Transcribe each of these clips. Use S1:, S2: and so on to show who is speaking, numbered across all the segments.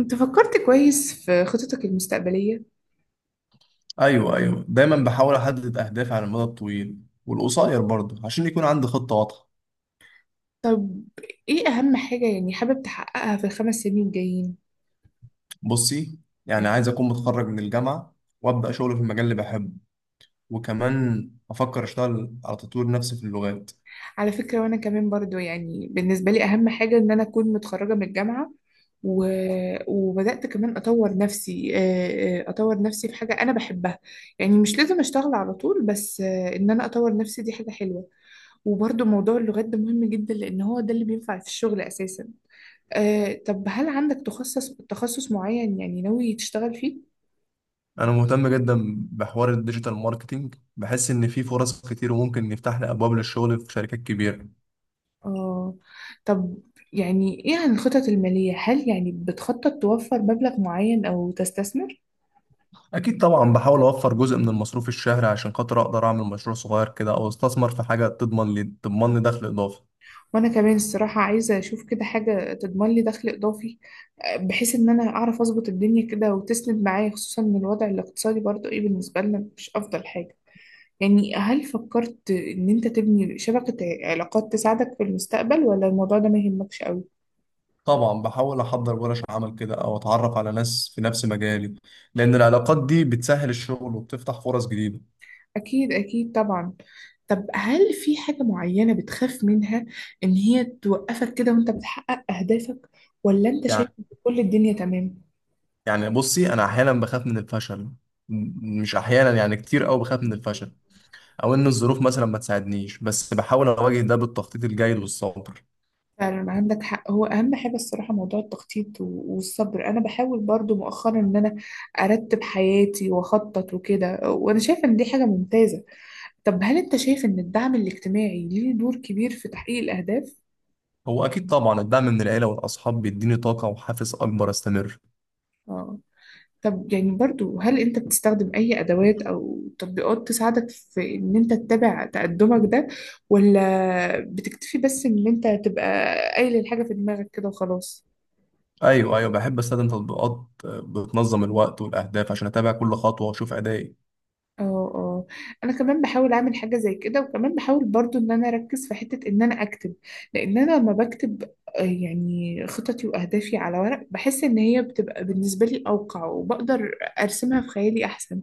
S1: انت فكرت كويس في خططك المستقبلية؟
S2: ايوه، ايوه، دايما بحاول احدد اهدافي على المدى الطويل والقصير برضه عشان يكون عندي خطه واضحه.
S1: طب، ايه اهم حاجة يعني حابب تحققها في ال5 سنين الجايين؟
S2: بصي، يعني عايز اكون متخرج من الجامعه وابدا شغل في المجال اللي بحبه، وكمان افكر اشتغل على تطوير نفسي في اللغات.
S1: على فكرة، وانا كمان برضو يعني بالنسبة لي اهم حاجة ان انا اكون متخرجة من الجامعة و... وبدأت كمان اطور نفسي اطور نفسي في حاجة انا بحبها. يعني مش لازم اشتغل على طول، بس ان انا اطور نفسي دي حاجة حلوة. وبرضو موضوع اللغات ده مهم جدا لان هو ده اللي بينفع في الشغل اساسا. طب، هل عندك تخصص معين يعني ناوي تشتغل فيه؟
S2: انا مهتم جدا بحوار الديجيتال ماركتينج، بحس ان في فرص كتير وممكن يفتح لي ابواب للشغل في شركات كبيره.
S1: اه. طب يعني، ايه عن الخطط المالية؟ هل يعني بتخطط توفر مبلغ معين او تستثمر؟
S2: اكيد طبعا، بحاول اوفر جزء من المصروف الشهري عشان خاطر اقدر اعمل مشروع صغير كده او استثمر في حاجه تضمن لي دخل اضافي.
S1: وانا كمان الصراحة عايزة اشوف كده حاجة تضمن لي دخل اضافي. بحيث ان انا اعرف اظبط الدنيا كده وتسند معايا، خصوصا ان الوضع الاقتصادي برضو ايه بالنسبة لنا مش افضل حاجة. يعني هل فكرت ان انت تبني شبكة علاقات تساعدك في المستقبل، ولا الموضوع ده ما يهمكش قوي؟
S2: طبعا بحاول احضر ورش عمل كده او اتعرف على ناس في نفس مجالي، لان العلاقات دي بتسهل الشغل وبتفتح فرص جديدة.
S1: أكيد أكيد طبعا. طب، هل في حاجة معينة بتخاف منها إن هي توقفك كده وأنت بتحقق أهدافك، ولا أنت شايف
S2: يعني
S1: إن كل الدنيا تمام؟
S2: يعني بصي، انا احيانا بخاف من الفشل. مش احيانا، يعني كتير قوي بخاف من الفشل او ان الظروف مثلا ما تساعدنيش، بس بحاول اواجه ده بالتخطيط الجيد والصبر.
S1: فعلا عندك حق، هو أهم حاجة الصراحة موضوع التخطيط والصبر. أنا بحاول برضو مؤخرا إن أنا أرتب حياتي وأخطط وكده، وأنا شايفة إن دي حاجة ممتازة. طب، هل أنت شايف إن الدعم الاجتماعي ليه دور كبير في تحقيق الأهداف؟
S2: هو اكيد طبعا الدعم من العيلة والاصحاب بيديني طاقة وحافز اكبر استمر.
S1: طب يعني برضو، هل انت بتستخدم اي ادوات او تطبيقات تساعدك في ان انت تتابع تقدمك ده، ولا بتكتفي بس ان انت تبقى قايل الحاجة في دماغك كده وخلاص؟
S2: ايوه، ايوه، بحب استخدم تطبيقات بتنظم الوقت والاهداف عشان اتابع كل خطوة واشوف ادائي.
S1: اه اه. انا كمان بحاول اعمل حاجة زي كده، وكمان بحاول برضو ان انا اركز في حتة ان انا اكتب. لان انا لما بكتب يعني خططي واهدافي على ورق، بحس ان هي بتبقى بالنسبة لي اوقع وبقدر ارسمها في خيالي احسن.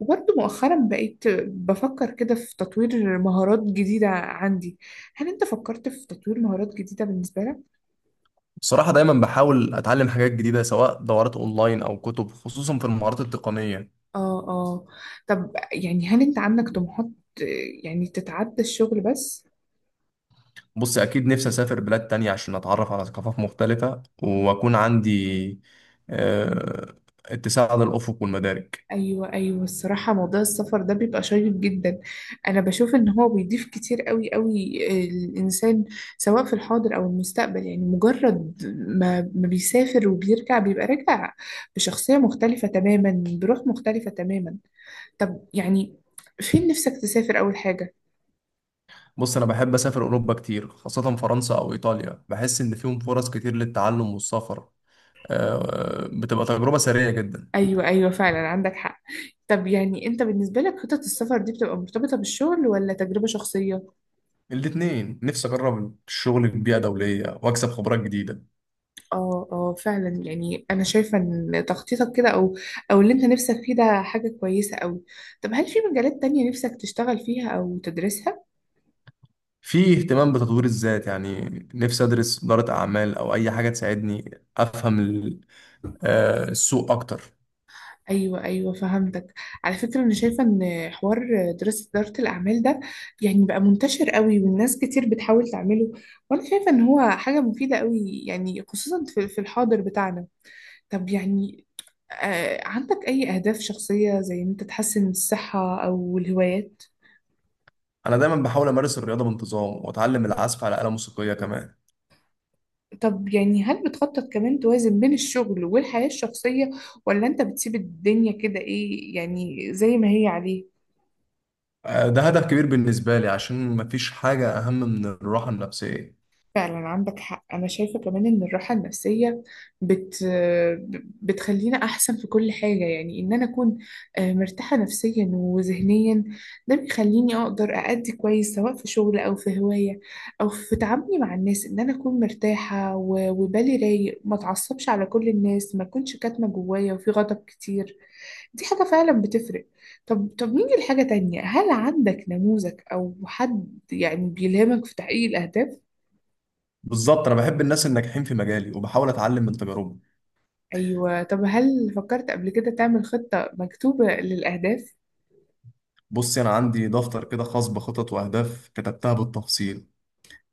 S1: وبرضه مؤخرا بقيت بفكر كده في تطوير مهارات جديدة عندي. هل انت فكرت في تطوير مهارات جديدة بالنسبة لك؟
S2: بصراحة دايما بحاول أتعلم حاجات جديدة، سواء دورات أونلاين أو كتب، خصوصا في المهارات التقنية.
S1: اه اه. طب يعني، هل انت عندك طموحات آه، يعني تتعدى الشغل بس؟
S2: بص، أكيد نفسي أسافر بلاد تانية عشان أتعرف على ثقافات مختلفة وأكون عندي آه، اتساع للأفق والمدارك.
S1: ايوه ايوه، الصراحة موضوع السفر ده بيبقى شيق جدا. انا بشوف ان هو بيضيف كتير قوي قوي الانسان، سواء في الحاضر او المستقبل. يعني مجرد ما بيسافر وبيرجع بيبقى راجع بشخصية مختلفة تماما، بروح مختلفة تماما. طب يعني، فين نفسك تسافر أول حاجة؟
S2: بص، أنا بحب أسافر أوروبا كتير، خاصة فرنسا أو إيطاليا، بحس إن فيهم فرص كتير للتعلم والسفر. بتبقى تجربة سريعة جدا.
S1: أيوة أيوة، فعلا عندك حق. طب يعني أنت بالنسبة لك خطط السفر دي بتبقى مرتبطة بالشغل ولا تجربة شخصية؟
S2: الاتنين، نفسي أجرب الشغل في بيئة دولية وأكسب خبرات جديدة.
S1: آه آه، فعلا. يعني أنا شايفة إن تخطيطك كده، أو أو اللي أنت نفسك فيه ده حاجة كويسة أوي. طب، هل في مجالات تانية نفسك تشتغل فيها أو تدرسها؟
S2: في اهتمام بتطوير الذات، يعني نفسي ادرس إدارة اعمال او اي حاجة تساعدني افهم السوق اكتر.
S1: ايوه ايوه، فهمتك. على فكره، انا شايفه ان حوار دراسه اداره الاعمال ده يعني بقى منتشر قوي، والناس كتير بتحاول تعمله. وانا شايفه ان هو حاجه مفيده قوي، يعني خصوصا في الحاضر بتاعنا. طب يعني، آه، عندك اي اهداف شخصيه زي ان انت تحسن الصحه او الهوايات؟
S2: انا دايما بحاول امارس الرياضة بانتظام واتعلم العزف على آلة موسيقية كمان.
S1: طب يعني، هل بتخطط كمان توازن بين الشغل والحياه الشخصيه، ولا انت بتسيب الدنيا كده ايه يعني زي ما هي عليها؟
S2: ده هدف كبير بالنسبة لي عشان مفيش حاجة اهم من الراحة النفسية.
S1: فعلا عندك حق، أنا شايفة كمان إن الراحة النفسية بت... بتخلينا أحسن في كل حاجة. يعني إن أنا أكون مرتاحة نفسيا وذهنيا، ده بيخليني أقدر أأدي كويس سواء في شغل أو في هواية أو في تعاملي مع الناس. إن أنا أكون مرتاحة وبالي رايق، ما أتعصبش على كل الناس، ما أكونش كاتمة جوايا وفي غضب كتير. دي حاجة فعلا بتفرق. طب نيجي لحاجة تانية. هل عندك نموذج أو حد يعني بيلهمك في تحقيق الأهداف؟
S2: بالظبط، انا بحب الناس الناجحين في مجالي وبحاول اتعلم من تجاربهم.
S1: أيوة، طب هل فكرت قبل كده تعمل خطة مكتوبة للأهداف؟
S2: بصي، انا عندي دفتر كده خاص بخطط واهداف كتبتها بالتفصيل.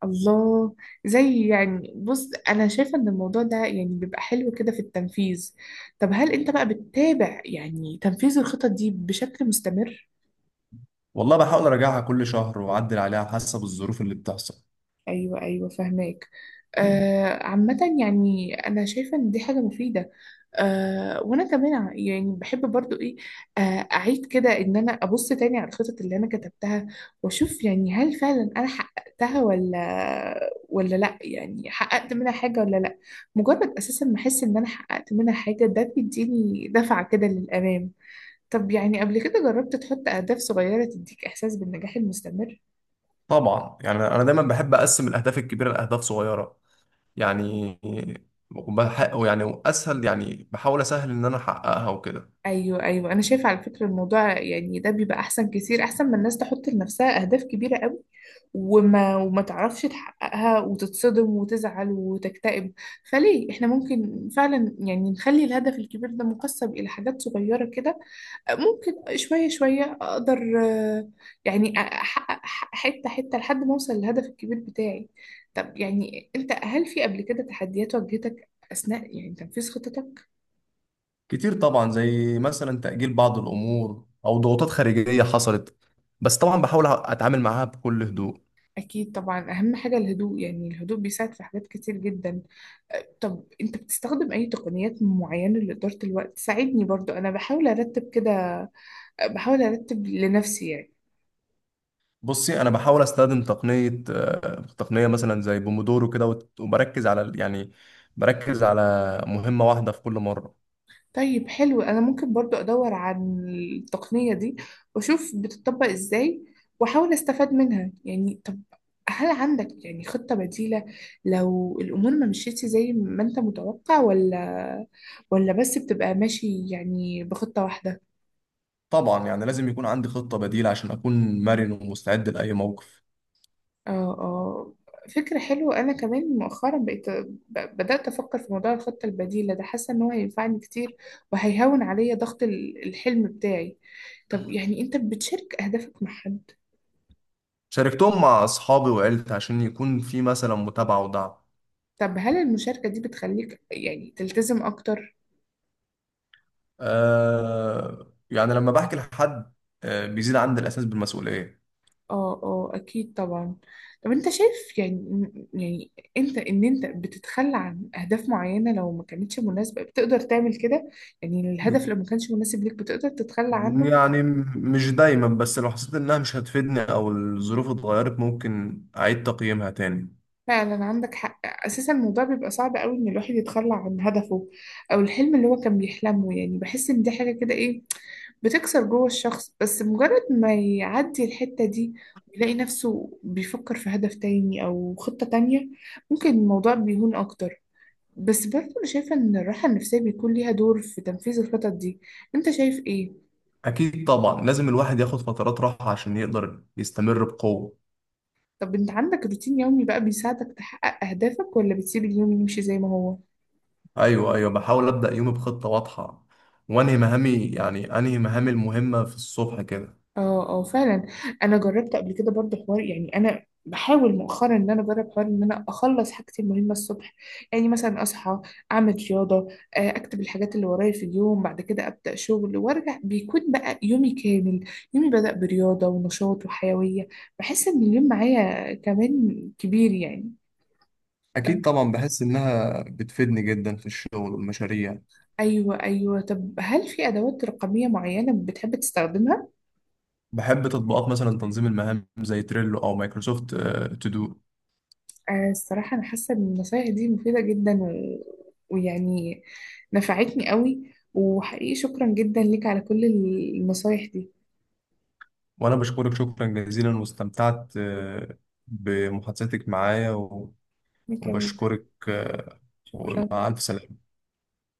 S1: الله. زي يعني، بص أنا شايفة إن الموضوع ده يعني بيبقى حلو كده في التنفيذ. طب هل أنت بقى بتتابع يعني تنفيذ الخطط دي بشكل مستمر؟
S2: والله بحاول اراجعها كل شهر واعدل عليها حسب الظروف اللي بتحصل.
S1: ايوه ايوه، فهماك. آه، عامة يعني انا شايفة ان دي حاجة مفيدة. آه، وانا كمان يعني بحب برضو ايه، آه، اعيد كده ان انا ابص تاني على الخطط اللي انا كتبتها، واشوف يعني هل فعلا انا حققتها ولا لا. يعني حققت منها حاجة ولا لا. مجرد اساسا ما احس ان انا حققت منها حاجة، ده بيديني دفعة كده للامام. طب يعني، قبل كده جربت تحط اهداف صغيرة تديك احساس بالنجاح المستمر؟
S2: طبعا، يعني انا دايما بحب اقسم الاهداف الكبيره لاهداف صغيره، يعني وبحقق، يعني اسهل، يعني بحاول اسهل ان انا احققها وكده.
S1: ايوه ايوه، انا شايفه على فكره الموضوع يعني ده بيبقى احسن كتير، احسن ما الناس تحط لنفسها اهداف كبيره قوي وما تعرفش تحققها وتتصدم وتزعل وتكتئب. فليه احنا ممكن فعلا يعني نخلي الهدف الكبير ده مقسم الى حاجات صغيره كده، ممكن شويه شويه اقدر آه، يعني احقق حته حته لحد ما اوصل للهدف الكبير بتاعي. طب يعني انت، هل في قبل كده تحديات واجهتك اثناء يعني تنفيذ خطتك؟
S2: كتير طبعا، زي مثلا تاجيل بعض الامور او ضغوطات خارجيه حصلت، بس طبعا بحاول اتعامل معاها بكل هدوء.
S1: أكيد طبعا، أهم حاجة الهدوء، يعني الهدوء بيساعد في حاجات كتير جدا. أه، طب أنت بتستخدم أي تقنيات معينة لإدارة الوقت؟ ساعدني برضو، أنا بحاول أرتب كده، أه، بحاول أرتب لنفسي يعني.
S2: بصي، انا بحاول استخدم تقنيه، تقنيه مثلا زي بومودورو كده، وبركز على يعني بركز على مهمه واحده في كل مره.
S1: طيب، حلو. أنا ممكن برضو أدور عن التقنية دي وأشوف بتطبق إزاي وأحاول أستفاد منها. يعني طب، هل عندك يعني خطة بديلة لو الأمور ما مشيتش زي ما أنت متوقع، ولا بس بتبقى ماشي يعني بخطة واحدة؟
S2: طبعا، يعني لازم يكون عندي خطه بديله عشان اكون مرن ومستعد لاي موقف.
S1: اه اه، فكرة حلوة. أنا كمان مؤخرا بقيت بدأت أفكر في موضوع الخطة البديلة ده، حاسة إن هو هينفعني كتير وهيهون عليا ضغط الحلم بتاعي. طب يعني، أنت بتشارك أهدافك مع حد؟
S2: شاركتهم مع أصحابي وعيلتي عشان يكون في مثلا متابعة ودعم.
S1: طب هل المشاركة دي بتخليك يعني تلتزم أكتر؟
S2: آه، يعني لما بحكي لحد آه بيزيد عندي الإحساس بالمسؤولية.
S1: اه اه، أكيد طبعا. طب أنت شايف يعني يعني أنت، إن أنت بتتخلى عن أهداف معينة لو ما كانتش مناسبة بتقدر تعمل كده؟ يعني الهدف لو ما كانش مناسب ليك بتقدر تتخلى عنه؟
S2: يعني مش دايما، بس لو حسيت إنها مش هتفيدني أو الظروف اتغيرت ممكن أعيد تقييمها تاني.
S1: فعلا عندك حق، اساسا الموضوع بيبقى صعب قوي ان الواحد يتخلى عن هدفه او الحلم اللي هو كان بيحلمه. يعني بحس ان دي حاجه كده ايه بتكسر جوه الشخص، بس مجرد ما يعدي الحته دي ويلاقي نفسه بيفكر في هدف تاني او خطه تانية ممكن الموضوع بيهون اكتر. بس برضه انا شايفه ان الراحه النفسيه بيكون ليها دور في تنفيذ الخطط دي. انت شايف ايه؟
S2: أكيد طبعا، لازم الواحد ياخد فترات راحة عشان يقدر يستمر بقوة.
S1: طب انت عندك روتين يومي بقى بيساعدك تحقق اهدافك، ولا بتسيب اليوم يمشي زي ما هو؟
S2: أيوه، أيوه، بحاول أبدأ يومي بخطة واضحة وأنهي مهامي، يعني أنهي مهامي المهمة في الصبح كده.
S1: اه اه، فعلا. انا جربت قبل كده برضه حوار، يعني انا بحاول مؤخرا ان انا اجرب حوار ان انا اخلص حاجتي المهمه الصبح. يعني مثلا اصحى اعمل رياضه، اكتب الحاجات اللي ورايا في اليوم، بعد كده ابدا شغل وارجع بيكون بقى يومي كامل. يومي بدا برياضه ونشاط وحيويه، بحس ان اليوم معايا كمان كبير يعني.
S2: أكيد
S1: طب،
S2: طبعا، بحس إنها بتفيدني جدا في الشغل والمشاريع.
S1: ايوه ايوه. طب هل في ادوات رقميه معينه بتحب تستخدمها؟
S2: بحب تطبيقات مثلا تنظيم المهام زي تريلو أو مايكروسوفت تو دو.
S1: الصراحة أنا حاسة إن النصايح دي مفيدة جدا ويعني نفعتني قوي، وحقيقي شكرا جدا ليك على كل النصايح دي.
S2: وأنا بشكرك شكرا جزيلا، واستمتعت بمحادثتك معايا
S1: أنا كمان.
S2: وبشكرك،
S1: شكرا.
S2: ومع ألف سلامة.